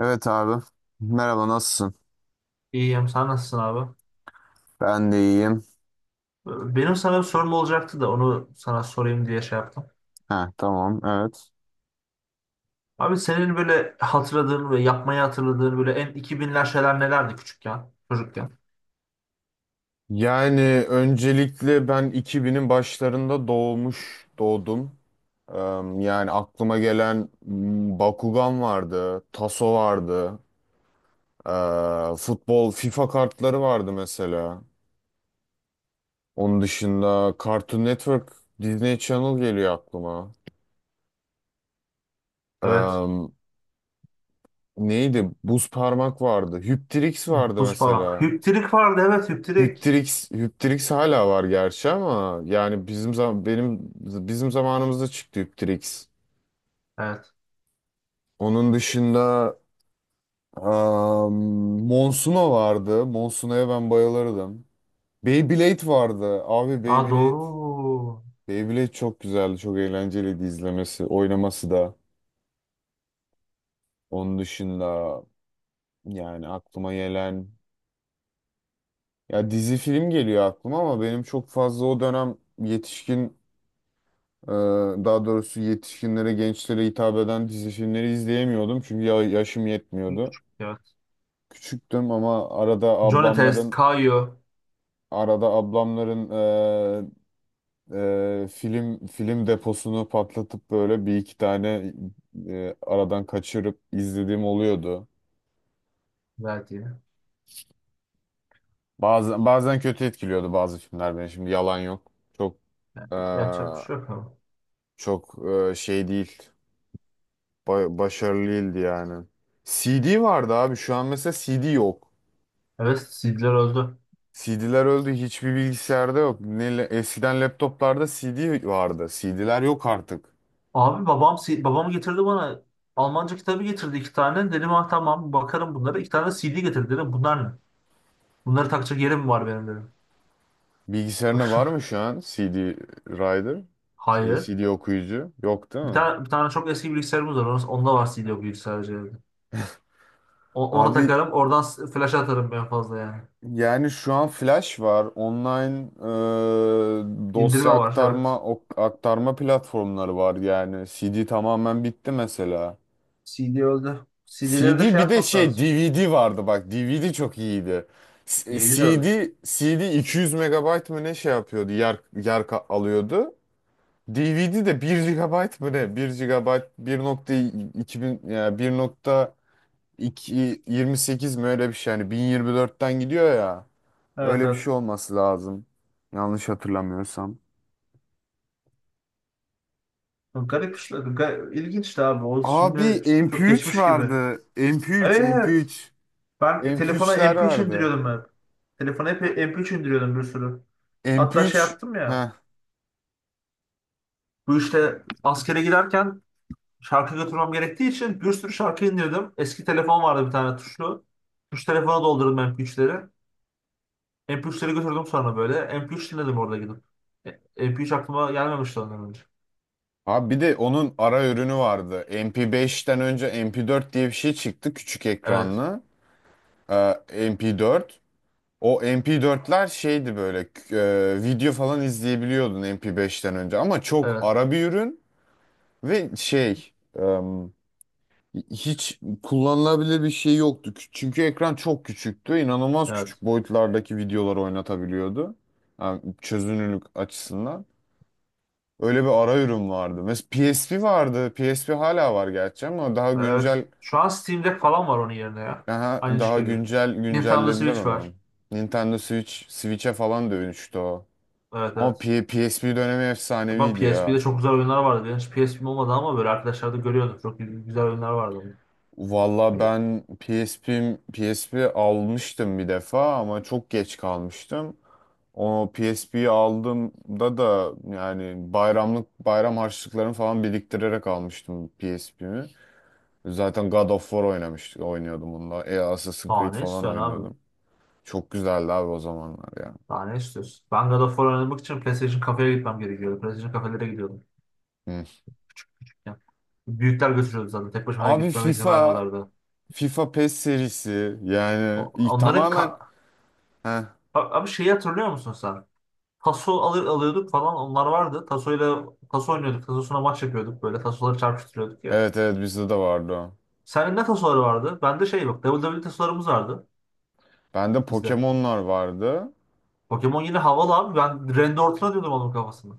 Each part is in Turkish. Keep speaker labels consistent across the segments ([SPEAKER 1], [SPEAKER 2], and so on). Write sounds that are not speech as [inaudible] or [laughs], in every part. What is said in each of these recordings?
[SPEAKER 1] Evet abi. Merhaba nasılsın?
[SPEAKER 2] İyiyim. Sen nasılsın abi?
[SPEAKER 1] Ben de iyiyim.
[SPEAKER 2] Benim sana bir sorum olacaktı da onu sana sorayım diye şey yaptım.
[SPEAKER 1] Ha, tamam, evet.
[SPEAKER 2] Abi senin böyle hatırladığın ve yapmayı hatırladığın böyle en 2000'ler şeyler nelerdi küçükken, çocukken?
[SPEAKER 1] Yani öncelikle ben 2000'in başlarında doğdum. Eee, Yani aklıma gelen Bakugan vardı, Taso vardı, futbol, FIFA kartları vardı mesela. Onun dışında Cartoon Network, Disney Channel geliyor aklıma.
[SPEAKER 2] Evet.
[SPEAKER 1] Eee, Neydi? Buz parmak vardı, Hüptrix vardı
[SPEAKER 2] Buz parmak.
[SPEAKER 1] mesela.
[SPEAKER 2] Hüptirik vardı. Evet, hüptirik.
[SPEAKER 1] Hyptrix hala var gerçi ama yani bizim zamanımızda çıktı Hyptrix.
[SPEAKER 2] Evet.
[SPEAKER 1] Onun dışında am, Monsuno vardı. Monsuno'ya ben bayılırdım. Beyblade vardı. Abi,
[SPEAKER 2] Aa
[SPEAKER 1] Beyblade.
[SPEAKER 2] doğru.
[SPEAKER 1] Beyblade çok güzeldi. Çok eğlenceliydi izlemesi, oynaması da. Onun dışında yani aklıma gelen ya dizi film geliyor aklıma ama benim çok fazla o dönem yetişkin, Ee, daha doğrusu yetişkinlere, gençlere hitap eden dizi filmleri izleyemiyordum çünkü yaşım yetmiyordu.
[SPEAKER 2] Küçük. Evet.
[SPEAKER 1] Küçüktüm ama arada
[SPEAKER 2] Johnny Test,
[SPEAKER 1] ablamların
[SPEAKER 2] Kayo
[SPEAKER 1] arada ablamların e, film deposunu patlatıp böyle bir iki tane aradan kaçırıp izlediğim oluyordu.
[SPEAKER 2] verdi.
[SPEAKER 1] Bazen bazen kötü etkiliyordu bazı filmler beni. Şimdi yalan yok. E,
[SPEAKER 2] Yapacak bir şey yok ama.
[SPEAKER 1] çok şey değil. Başarılı değildi yani. CD vardı abi. Şu an mesela CD yok.
[SPEAKER 2] Evet, CD'ler öldü.
[SPEAKER 1] CD'ler öldü. Hiçbir bilgisayarda yok. Eskiden laptoplarda CD vardı. CD'ler yok artık.
[SPEAKER 2] Abi babam babam getirdi bana Almanca kitabı getirdi iki tane. Dedim ha tamam bakarım bunlara. İki tane CD getirdi dedim. Bunlar ne? Bunları takacak yerim mi var benim dedim.
[SPEAKER 1] Bilgisayarına var
[SPEAKER 2] [laughs]
[SPEAKER 1] mı şu an CD Rider?
[SPEAKER 2] Hayır.
[SPEAKER 1] CD okuyucu? Yok değil
[SPEAKER 2] Bir
[SPEAKER 1] mi?
[SPEAKER 2] tane, bir tane çok eski bilgisayarımız var. Onda var CD o bilgisayarcı. Ona
[SPEAKER 1] Abi,
[SPEAKER 2] takarım. Oradan flash atarım en fazla yani.
[SPEAKER 1] yani şu an Flash var. Online
[SPEAKER 2] İndirme var evet.
[SPEAKER 1] aktarma platformları var yani. CD tamamen bitti mesela.
[SPEAKER 2] CD öldü. CD'leri de
[SPEAKER 1] CD,
[SPEAKER 2] şey
[SPEAKER 1] bir de
[SPEAKER 2] yapmak
[SPEAKER 1] şey,
[SPEAKER 2] lazım.
[SPEAKER 1] DVD vardı, bak DVD çok iyiydi.
[SPEAKER 2] DVD de öldü.
[SPEAKER 1] CD 200 megabayt mı ne şey yapıyordu, yer yer alıyordu. DVD de bir GB mı ne? 1 GB 1.2000 ya, 28 mi öyle bir şey, yani 1024'ten gidiyor ya.
[SPEAKER 2] Evet,
[SPEAKER 1] Öyle bir
[SPEAKER 2] evet.
[SPEAKER 1] şey olması lazım. Yanlış hatırlamıyorsam.
[SPEAKER 2] Garip işler. İlginç işte abi. O
[SPEAKER 1] Abi,
[SPEAKER 2] şimdi çok
[SPEAKER 1] MP3
[SPEAKER 2] geçmiş gibi.
[SPEAKER 1] vardı. MP3,
[SPEAKER 2] Evet.
[SPEAKER 1] MP3.
[SPEAKER 2] Ben telefona
[SPEAKER 1] MP3'ler
[SPEAKER 2] MP3
[SPEAKER 1] vardı.
[SPEAKER 2] indiriyordum ben. Telefona hep MP3 indiriyordum bir sürü. Hatta şey
[SPEAKER 1] MP3.
[SPEAKER 2] yaptım ya.
[SPEAKER 1] Heh.
[SPEAKER 2] Bu işte askere giderken şarkı götürmem gerektiği için bir sürü şarkı indirdim. Eski telefon vardı bir tane tuşlu. Tuş telefona doldurdum MP3'leri. MP3'leri götürdüm sonra böyle. MP3 dinledim orada gidip. E, MP3 aklıma gelmemişti ondan önce.
[SPEAKER 1] Abi, bir de onun ara ürünü vardı. MP5'ten önce MP4 diye bir şey çıktı, küçük
[SPEAKER 2] Evet,
[SPEAKER 1] ekranlı. MP4. O MP4'ler şeydi böyle, video falan izleyebiliyordun MP5'ten önce ama çok
[SPEAKER 2] evet,
[SPEAKER 1] ara bir ürün ve şey, em, hiç kullanılabilir bir şey yoktu. Çünkü ekran çok küçüktü. İnanılmaz
[SPEAKER 2] evet,
[SPEAKER 1] küçük boyutlardaki videoları oynatabiliyordu. Yani çözünürlük açısından. Öyle bir ara ürün vardı. Mesela PSP vardı. PSP hala var gerçi ama daha
[SPEAKER 2] evet.
[SPEAKER 1] güncel,
[SPEAKER 2] Şu an Steam Deck falan var onun yerine ya.
[SPEAKER 1] daha,
[SPEAKER 2] Aynı iş
[SPEAKER 1] daha
[SPEAKER 2] geliyor.
[SPEAKER 1] güncel
[SPEAKER 2] Nintendo
[SPEAKER 1] güncellediler
[SPEAKER 2] Switch var.
[SPEAKER 1] onu. Nintendo Switch'e falan dönüştü o.
[SPEAKER 2] Evet,
[SPEAKER 1] Ama
[SPEAKER 2] evet.
[SPEAKER 1] PSP dönemi
[SPEAKER 2] Ben
[SPEAKER 1] efsaneviydi
[SPEAKER 2] PSP'de
[SPEAKER 1] ya.
[SPEAKER 2] çok güzel oyunlar vardı. Ben hiç PSP'm olmadı ama böyle arkadaşlar da görüyordum. Çok güzel oyunlar vardı.
[SPEAKER 1] Valla ben PSP almıştım bir defa ama çok geç kalmıştım. O PSP'yi aldığımda da yani bayram harçlıklarını falan biriktirerek almıştım PSP'mi. Zaten God of War oynuyordum onunla. Assassin's
[SPEAKER 2] Aa
[SPEAKER 1] Creed
[SPEAKER 2] ne
[SPEAKER 1] falan
[SPEAKER 2] istiyorsun abi?
[SPEAKER 1] oynuyordum. Çok güzeldi abi o zamanlar ya.
[SPEAKER 2] Daha ne istiyorsun? Ben God of War oynamak için PlayStation kafeye gitmem gerekiyordu. PlayStation kafelere gidiyordum.
[SPEAKER 1] Hı.
[SPEAKER 2] Ya, büyükler götürüyordu zaten. Tek başıma
[SPEAKER 1] Abi,
[SPEAKER 2] gitmeme izin vermiyorlardı.
[SPEAKER 1] FIFA PES serisi
[SPEAKER 2] O-
[SPEAKER 1] yani ilk
[SPEAKER 2] Onların
[SPEAKER 1] tamamen,
[SPEAKER 2] ka-
[SPEAKER 1] heh,
[SPEAKER 2] abi şeyi hatırlıyor musun sen? Taso alıyorduk falan onlar vardı. Tasoyla taso oynuyorduk. Tasosuna maç yapıyorduk böyle. Tasoları çarpıştırıyorduk ya.
[SPEAKER 1] evet, evet, bizde de vardı o.
[SPEAKER 2] Senin ne tasoları vardı? Bende şey yok. WWE tasolarımız vardı
[SPEAKER 1] Bende
[SPEAKER 2] bizde.
[SPEAKER 1] Pokemon'lar vardı.
[SPEAKER 2] Pokemon yine havalı abi. Ben Randy Orton atıyordum onun kafasına.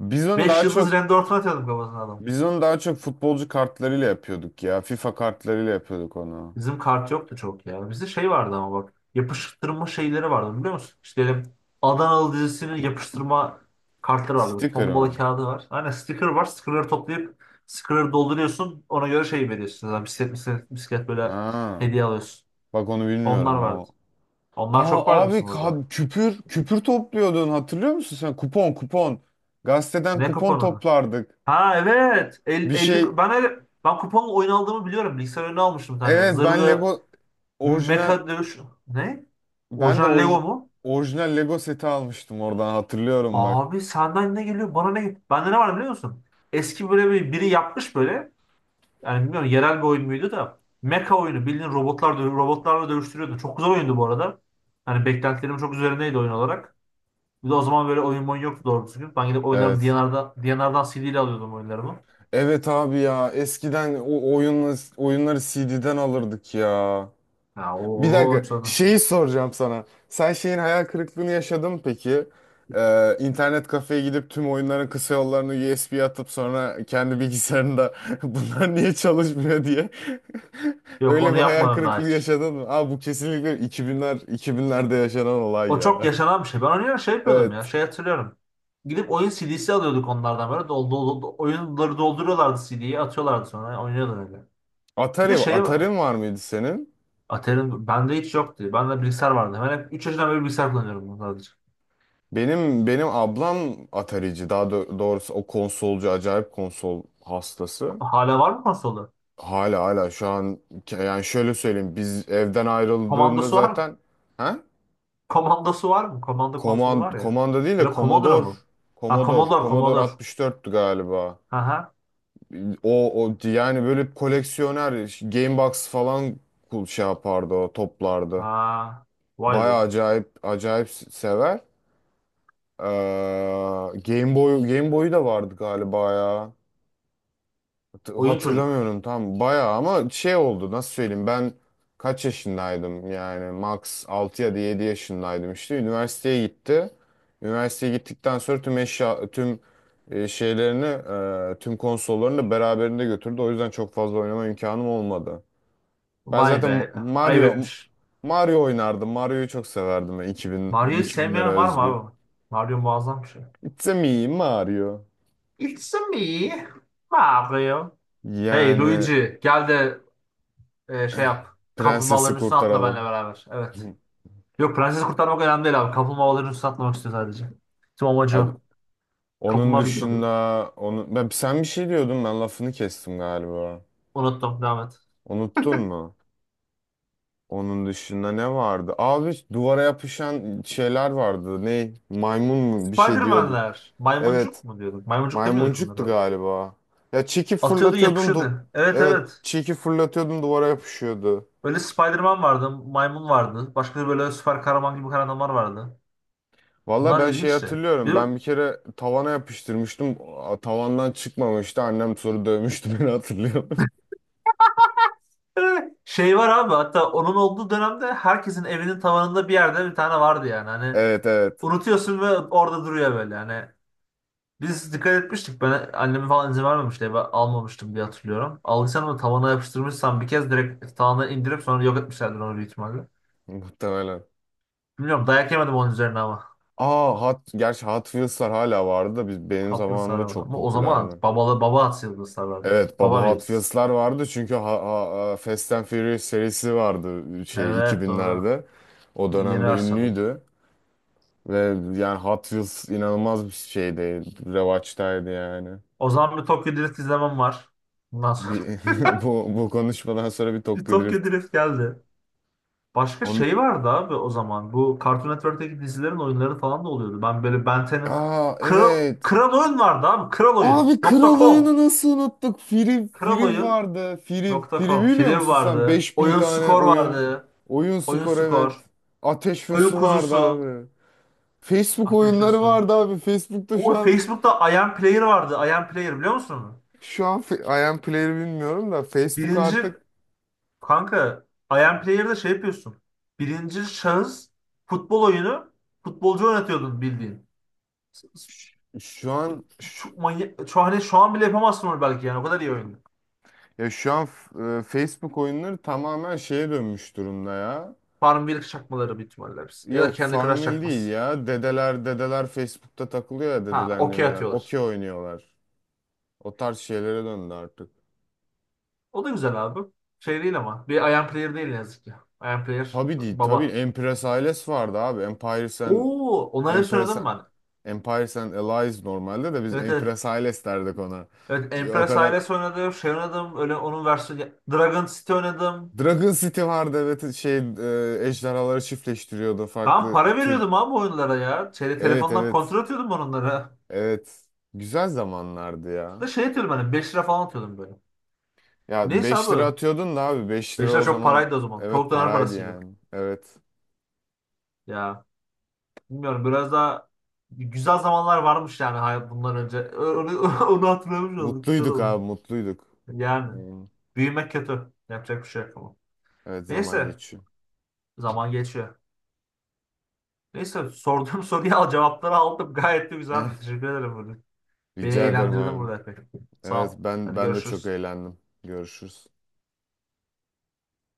[SPEAKER 1] Biz onu
[SPEAKER 2] 5
[SPEAKER 1] daha
[SPEAKER 2] yıldız
[SPEAKER 1] çok
[SPEAKER 2] Randy Orton atıyordum kafasına adam.
[SPEAKER 1] Biz onu daha çok futbolcu kartlarıyla yapıyorduk ya. FIFA kartlarıyla yapıyorduk onu.
[SPEAKER 2] Bizim kart yoktu çok ya. Bizde şey vardı ama bak. Yapıştırma şeyleri vardı biliyor musun? İşte Adanalı dizisinin yapıştırma kartları vardı.
[SPEAKER 1] Sticker
[SPEAKER 2] Tombala
[SPEAKER 1] mı?
[SPEAKER 2] kağıdı var. Aynen sticker var. Stickerları toplayıp stickerları dolduruyorsun. Ona göre şey veriyorsun. Yani bisiklet, bisiklet, bisiklet böyle
[SPEAKER 1] Ha.
[SPEAKER 2] hediye alıyorsun.
[SPEAKER 1] Bak onu
[SPEAKER 2] Onlar
[SPEAKER 1] bilmiyorum. O
[SPEAKER 2] vardı. Onlar çok
[SPEAKER 1] Aa
[SPEAKER 2] vardı
[SPEAKER 1] abi
[SPEAKER 2] bizim burada.
[SPEAKER 1] ka- küpür küpür topluyordun, hatırlıyor musun sen? Kupon kupon. Gazeteden
[SPEAKER 2] Ne
[SPEAKER 1] kupon
[SPEAKER 2] kapanın.
[SPEAKER 1] toplardık.
[SPEAKER 2] Ha evet. 50,
[SPEAKER 1] Bir şey
[SPEAKER 2] 50 ben öyle, ben kuponla oyun aldığımı biliyorum. Bilgisayar oyunu almıştım bir tane.
[SPEAKER 1] Evet,
[SPEAKER 2] Zırhlı
[SPEAKER 1] Orijinal
[SPEAKER 2] mecha dövüş. Ne?
[SPEAKER 1] ben de
[SPEAKER 2] Orijinal Lego mu?
[SPEAKER 1] orijinal Lego seti almıştım, oradan hatırlıyorum bak.
[SPEAKER 2] Abi senden ne geliyor? Bana ne geliyor? Bende ne var biliyor musun? Eski böyle biri yapmış böyle. Yani bilmiyorum yerel bir oyun muydu da. Mecha oyunu bildiğin robotlar robotlarla dövüştürüyordu. Çok güzel oyundu bu arada. Hani beklentilerim çok üzerindeydi oyun olarak. Bir de o zaman böyle oyun yoktu doğru düzgün. Ben gidip oyunlarımı
[SPEAKER 1] Evet.
[SPEAKER 2] D&R'dan CD ile alıyordum oyunlarımı.
[SPEAKER 1] Evet abi, ya eskiden o oyunları CD'den alırdık ya.
[SPEAKER 2] ya o,
[SPEAKER 1] Bir
[SPEAKER 2] o,
[SPEAKER 1] dakika,
[SPEAKER 2] çok-
[SPEAKER 1] şeyi soracağım sana. Sen şeyin hayal kırıklığını yaşadın mı peki? İnternet kafeye gidip tüm oyunların kısa yollarını USB'ye atıp sonra kendi bilgisayarında [laughs] bunlar niye çalışmıyor diye. [laughs]
[SPEAKER 2] Yok
[SPEAKER 1] Öyle
[SPEAKER 2] onu
[SPEAKER 1] bir hayal
[SPEAKER 2] yapmadım daha
[SPEAKER 1] kırıklığı
[SPEAKER 2] hiç.
[SPEAKER 1] yaşadın mı? Aa, bu kesinlikle 2000'lerde yaşanan olay
[SPEAKER 2] O çok
[SPEAKER 1] ya. [laughs]
[SPEAKER 2] yaşanan bir şey. Ben oynuyor şey yapıyordum ya.
[SPEAKER 1] Evet.
[SPEAKER 2] Şey hatırlıyorum. Gidip oyun CD'si alıyorduk onlardan böyle. Oyunları dolduruyorlardı, CD'yi atıyorlardı sonra oynuyordu öyle. Bir de şey
[SPEAKER 1] Atari'n var mıydı senin?
[SPEAKER 2] Atari'nin bende hiç yoktu. Bende bilgisayar vardı. Ben hep 3 yaşından beri bilgisayar kullanıyorum bunu sadece.
[SPEAKER 1] Benim ablam Atari'ci. Daha doğrusu o konsolcu, acayip konsol hastası.
[SPEAKER 2] Hala var mı konsolu?
[SPEAKER 1] Hala şu an, yani şöyle söyleyeyim, biz evden ayrıldığında
[SPEAKER 2] Komandosu var mı?
[SPEAKER 1] zaten, ha?
[SPEAKER 2] [laughs] Komandosu var mı? Komando konsolu var ya.
[SPEAKER 1] Komanda değil
[SPEAKER 2] Ya
[SPEAKER 1] de
[SPEAKER 2] da Commodore mu? Ha Commodore,
[SPEAKER 1] Commodore
[SPEAKER 2] Commodore.
[SPEAKER 1] 64'tü galiba.
[SPEAKER 2] Aha.
[SPEAKER 1] O yani böyle koleksiyoner, Game Box falan şey yapardı, o toplardı.
[SPEAKER 2] Ha. Vay
[SPEAKER 1] Baya
[SPEAKER 2] be.
[SPEAKER 1] acayip acayip sever. Ee, Game Boy'u da vardı galiba ya.
[SPEAKER 2] Oyun çocuk.
[SPEAKER 1] Hatırlamıyorum tam bayağı ama şey oldu, nasıl söyleyeyim, ben kaç yaşındaydım, yani max 6 ya da 7 yaşındaydım işte üniversiteye gitti. Üniversiteye gittikten sonra tüm tüm şeylerini, tüm konsollarını da beraberinde götürdü. O yüzden çok fazla oynama imkanım olmadı. Ben
[SPEAKER 2] Vay
[SPEAKER 1] zaten
[SPEAKER 2] be. Ayıp etmiş.
[SPEAKER 1] Mario oynardım. Mario'yu çok severdim ben,
[SPEAKER 2] Mario'yu
[SPEAKER 1] 2000'lere
[SPEAKER 2] sevmeyen var mı
[SPEAKER 1] özgü.
[SPEAKER 2] abi? Mario muazzam bir şey.
[SPEAKER 1] It's a me Mario.
[SPEAKER 2] Il me Mario. Hey
[SPEAKER 1] Yani
[SPEAKER 2] Luigi gel de şey yap.
[SPEAKER 1] prensesi
[SPEAKER 2] Kaplumbağaların üstüne atla benimle
[SPEAKER 1] kurtaralım.
[SPEAKER 2] beraber. Evet.
[SPEAKER 1] [laughs]
[SPEAKER 2] Yok prensesi kurtarmak önemli değil abi. Kaplumbağaların üstüne atlamak istiyor sadece. Tüm amacı
[SPEAKER 1] Abi,
[SPEAKER 2] o.
[SPEAKER 1] onun
[SPEAKER 2] Kaplumbağa
[SPEAKER 1] dışında,
[SPEAKER 2] bilmiyorum.
[SPEAKER 1] onu ben, sen bir şey diyordun, ben lafını kestim galiba.
[SPEAKER 2] Unuttum. Devam et.
[SPEAKER 1] Unuttun mu? Onun dışında ne vardı? Abi, duvara yapışan şeyler vardı. Ne? Maymun mu bir şey diyordu.
[SPEAKER 2] Spiderman'ler. Maymuncuk
[SPEAKER 1] Evet,
[SPEAKER 2] mu diyorduk? Maymuncuk demiyorduk bunları
[SPEAKER 1] maymuncuktu
[SPEAKER 2] öyle.
[SPEAKER 1] galiba. Ya çekip
[SPEAKER 2] Atıyordun
[SPEAKER 1] fırlatıyordun.
[SPEAKER 2] yapışıyordu. Evet,
[SPEAKER 1] Evet,
[SPEAKER 2] evet.
[SPEAKER 1] çekip fırlatıyordun, duvara yapışıyordu.
[SPEAKER 2] Böyle Spiderman vardı. Maymun vardı. Başka böyle süper kahraman gibi kahramanlar vardı.
[SPEAKER 1] Valla
[SPEAKER 2] Bunlar
[SPEAKER 1] ben şey
[SPEAKER 2] ilginçti.
[SPEAKER 1] hatırlıyorum. Ben bir kere tavana yapıştırmıştım. Tavandan çıkmamıştı. Annem soru dövmüştü [laughs] beni hatırlıyorum.
[SPEAKER 2] Şey var abi, hatta onun olduğu dönemde herkesin evinin tavanında bir yerde bir tane vardı yani. Hani
[SPEAKER 1] Evet, evet.
[SPEAKER 2] unutuyorsun ve orada duruyor böyle. Hani biz dikkat etmiştik. Ben anneme falan izin vermemişti. Eve almamıştım diye hatırlıyorum. Aldıysan da tavana yapıştırmışsam bir kez direkt tavandan indirip sonra yok etmişlerdir onu büyük ihtimalle.
[SPEAKER 1] Muhtemelen.
[SPEAKER 2] Bilmiyorum dayak yemedim onun üzerine ama.
[SPEAKER 1] Gerçi Hot Wheels'lar hala vardı da benim
[SPEAKER 2] Alt yıldız sarar
[SPEAKER 1] zamanımda
[SPEAKER 2] var.
[SPEAKER 1] çok
[SPEAKER 2] Ama o zaman
[SPEAKER 1] popülerdi.
[SPEAKER 2] baba at yıldız sarardı.
[SPEAKER 1] Evet, baba
[SPEAKER 2] Baba
[SPEAKER 1] Hot
[SPEAKER 2] veririz.
[SPEAKER 1] Wheels'lar vardı çünkü, Fast and Furious serisi vardı şey
[SPEAKER 2] Evet doğru.
[SPEAKER 1] 2000'lerde. O
[SPEAKER 2] Yeni
[SPEAKER 1] dönemde
[SPEAKER 2] versiyonları.
[SPEAKER 1] ünlüydü ve yani Hot Wheels inanılmaz bir şeydi. Revaçtaydı yani.
[SPEAKER 2] O zaman bir Tokyo Drift izlemem var. Bundan sonra
[SPEAKER 1] Bir, [laughs] bu konuşmadan sonra bir
[SPEAKER 2] [laughs] bir
[SPEAKER 1] Tokyo
[SPEAKER 2] Tokyo
[SPEAKER 1] Drift.
[SPEAKER 2] Drift geldi. Başka
[SPEAKER 1] On,
[SPEAKER 2] şey vardı abi o zaman. Bu Cartoon Network'teki dizilerin oyunları falan da oluyordu. Ben böyle Ben 10'ın
[SPEAKER 1] Aa
[SPEAKER 2] Kral,
[SPEAKER 1] evet.
[SPEAKER 2] Kral Oyun vardı abi.
[SPEAKER 1] Abi,
[SPEAKER 2] Kraloyun.com
[SPEAKER 1] kral
[SPEAKER 2] .com
[SPEAKER 1] oyunu nasıl unuttuk?
[SPEAKER 2] Kral
[SPEAKER 1] Free
[SPEAKER 2] Oyun
[SPEAKER 1] vardı.
[SPEAKER 2] nokta
[SPEAKER 1] Free
[SPEAKER 2] com.
[SPEAKER 1] biliyor
[SPEAKER 2] Filev
[SPEAKER 1] musun sen?
[SPEAKER 2] vardı.
[SPEAKER 1] 5000
[SPEAKER 2] Oyun
[SPEAKER 1] tane
[SPEAKER 2] Skor
[SPEAKER 1] oyun.
[SPEAKER 2] vardı.
[SPEAKER 1] Oyun
[SPEAKER 2] Oyun
[SPEAKER 1] skor, evet.
[SPEAKER 2] Skor.
[SPEAKER 1] Ateş ve
[SPEAKER 2] Oyun
[SPEAKER 1] Su vardı
[SPEAKER 2] Kuzusu.
[SPEAKER 1] abi. Facebook
[SPEAKER 2] Ateş ve
[SPEAKER 1] oyunları
[SPEAKER 2] Su.
[SPEAKER 1] vardı abi. Facebook'ta
[SPEAKER 2] O
[SPEAKER 1] şu an,
[SPEAKER 2] Facebook'ta Iron Player vardı. Iron Player biliyor musun onu?
[SPEAKER 1] I am Player'ı bilmiyorum da Facebook
[SPEAKER 2] Birinci
[SPEAKER 1] artık
[SPEAKER 2] kanka Iron Player'da şey yapıyorsun. Birinci şahıs futbol oyunu futbolcu oynatıyordun bildiğin.
[SPEAKER 1] şu an,
[SPEAKER 2] Çok manyak, hani şu an bile yapamazsın onu belki yani o kadar iyi oyun.
[SPEAKER 1] ya şu an Facebook oyunları tamamen şeye dönmüş durumda ya.
[SPEAKER 2] Farmville çakmaları büyük ihtimalle hepsi. Ya da
[SPEAKER 1] Yok,
[SPEAKER 2] kendi Crush
[SPEAKER 1] Farmville değil
[SPEAKER 2] çakması.
[SPEAKER 1] ya. Dedeler Facebook'ta takılıyor ya,
[SPEAKER 2] Ha
[SPEAKER 1] dedeler
[SPEAKER 2] okey
[SPEAKER 1] neneler.
[SPEAKER 2] atıyorlar.
[SPEAKER 1] Okey oynuyorlar. O tarz şeylere döndü artık.
[SPEAKER 2] O da güzel abi. Şey değil ama. Bir Iron Player değil ne yazık ki. Iron Player
[SPEAKER 1] Tabii değil tabii.
[SPEAKER 2] baba.
[SPEAKER 1] Empress Ailesi vardı abi.
[SPEAKER 2] Oo, onları hiç
[SPEAKER 1] Empress,
[SPEAKER 2] oynadım ben.
[SPEAKER 1] Empires and Allies, normalde de biz
[SPEAKER 2] Evet, evet.
[SPEAKER 1] Empress Ailes derdik ona.
[SPEAKER 2] Evet
[SPEAKER 1] O
[SPEAKER 2] Empress
[SPEAKER 1] kadar.
[SPEAKER 2] Ailesi oynadım. Şey oynadım. Öyle onun versiyonu. Dragon City oynadım.
[SPEAKER 1] Dragon City vardı, evet, şey, ejderhaları çiftleştiriyordu
[SPEAKER 2] Ben
[SPEAKER 1] farklı
[SPEAKER 2] para
[SPEAKER 1] tür.
[SPEAKER 2] veriyordum abi oyunlara ya. Şeyde
[SPEAKER 1] Evet,
[SPEAKER 2] telefondan
[SPEAKER 1] evet,
[SPEAKER 2] kontrol atıyordum ben onlara.
[SPEAKER 1] evet. Güzel zamanlardı ya.
[SPEAKER 2] Da şey atıyordum hani 5 lira falan atıyordum böyle.
[SPEAKER 1] Ya,
[SPEAKER 2] Neyse
[SPEAKER 1] 5 lira
[SPEAKER 2] abi.
[SPEAKER 1] atıyordun da abi, 5
[SPEAKER 2] 5
[SPEAKER 1] lira
[SPEAKER 2] lira
[SPEAKER 1] o
[SPEAKER 2] çok
[SPEAKER 1] zaman
[SPEAKER 2] paraydı o zaman.
[SPEAKER 1] evet
[SPEAKER 2] Çok döner
[SPEAKER 1] paraydı
[SPEAKER 2] parasıydı.
[SPEAKER 1] yani. Evet.
[SPEAKER 2] Ya bilmiyorum biraz daha güzel zamanlar varmış yani hayat bundan önce. [laughs] Onu hatırlamış olduk. Güzel
[SPEAKER 1] Mutluyduk
[SPEAKER 2] oldu.
[SPEAKER 1] abi, mutluyduk.
[SPEAKER 2] Yani
[SPEAKER 1] Hmm.
[SPEAKER 2] büyümek kötü. Yapacak bir şey yok ama.
[SPEAKER 1] Evet, zaman
[SPEAKER 2] Neyse
[SPEAKER 1] geçiyor.
[SPEAKER 2] zaman geçiyor. Neyse sorduğum [laughs] soruyu cevapları aldım. Gayet de güzeldi.
[SPEAKER 1] [laughs]
[SPEAKER 2] Teşekkür ederim burada. Beni
[SPEAKER 1] Rica ederim
[SPEAKER 2] eğlendirdin
[SPEAKER 1] abi.
[SPEAKER 2] burada epey.
[SPEAKER 1] Evet,
[SPEAKER 2] Sağ ol. Hadi
[SPEAKER 1] ben de çok
[SPEAKER 2] görüşürüz.
[SPEAKER 1] eğlendim. Görüşürüz.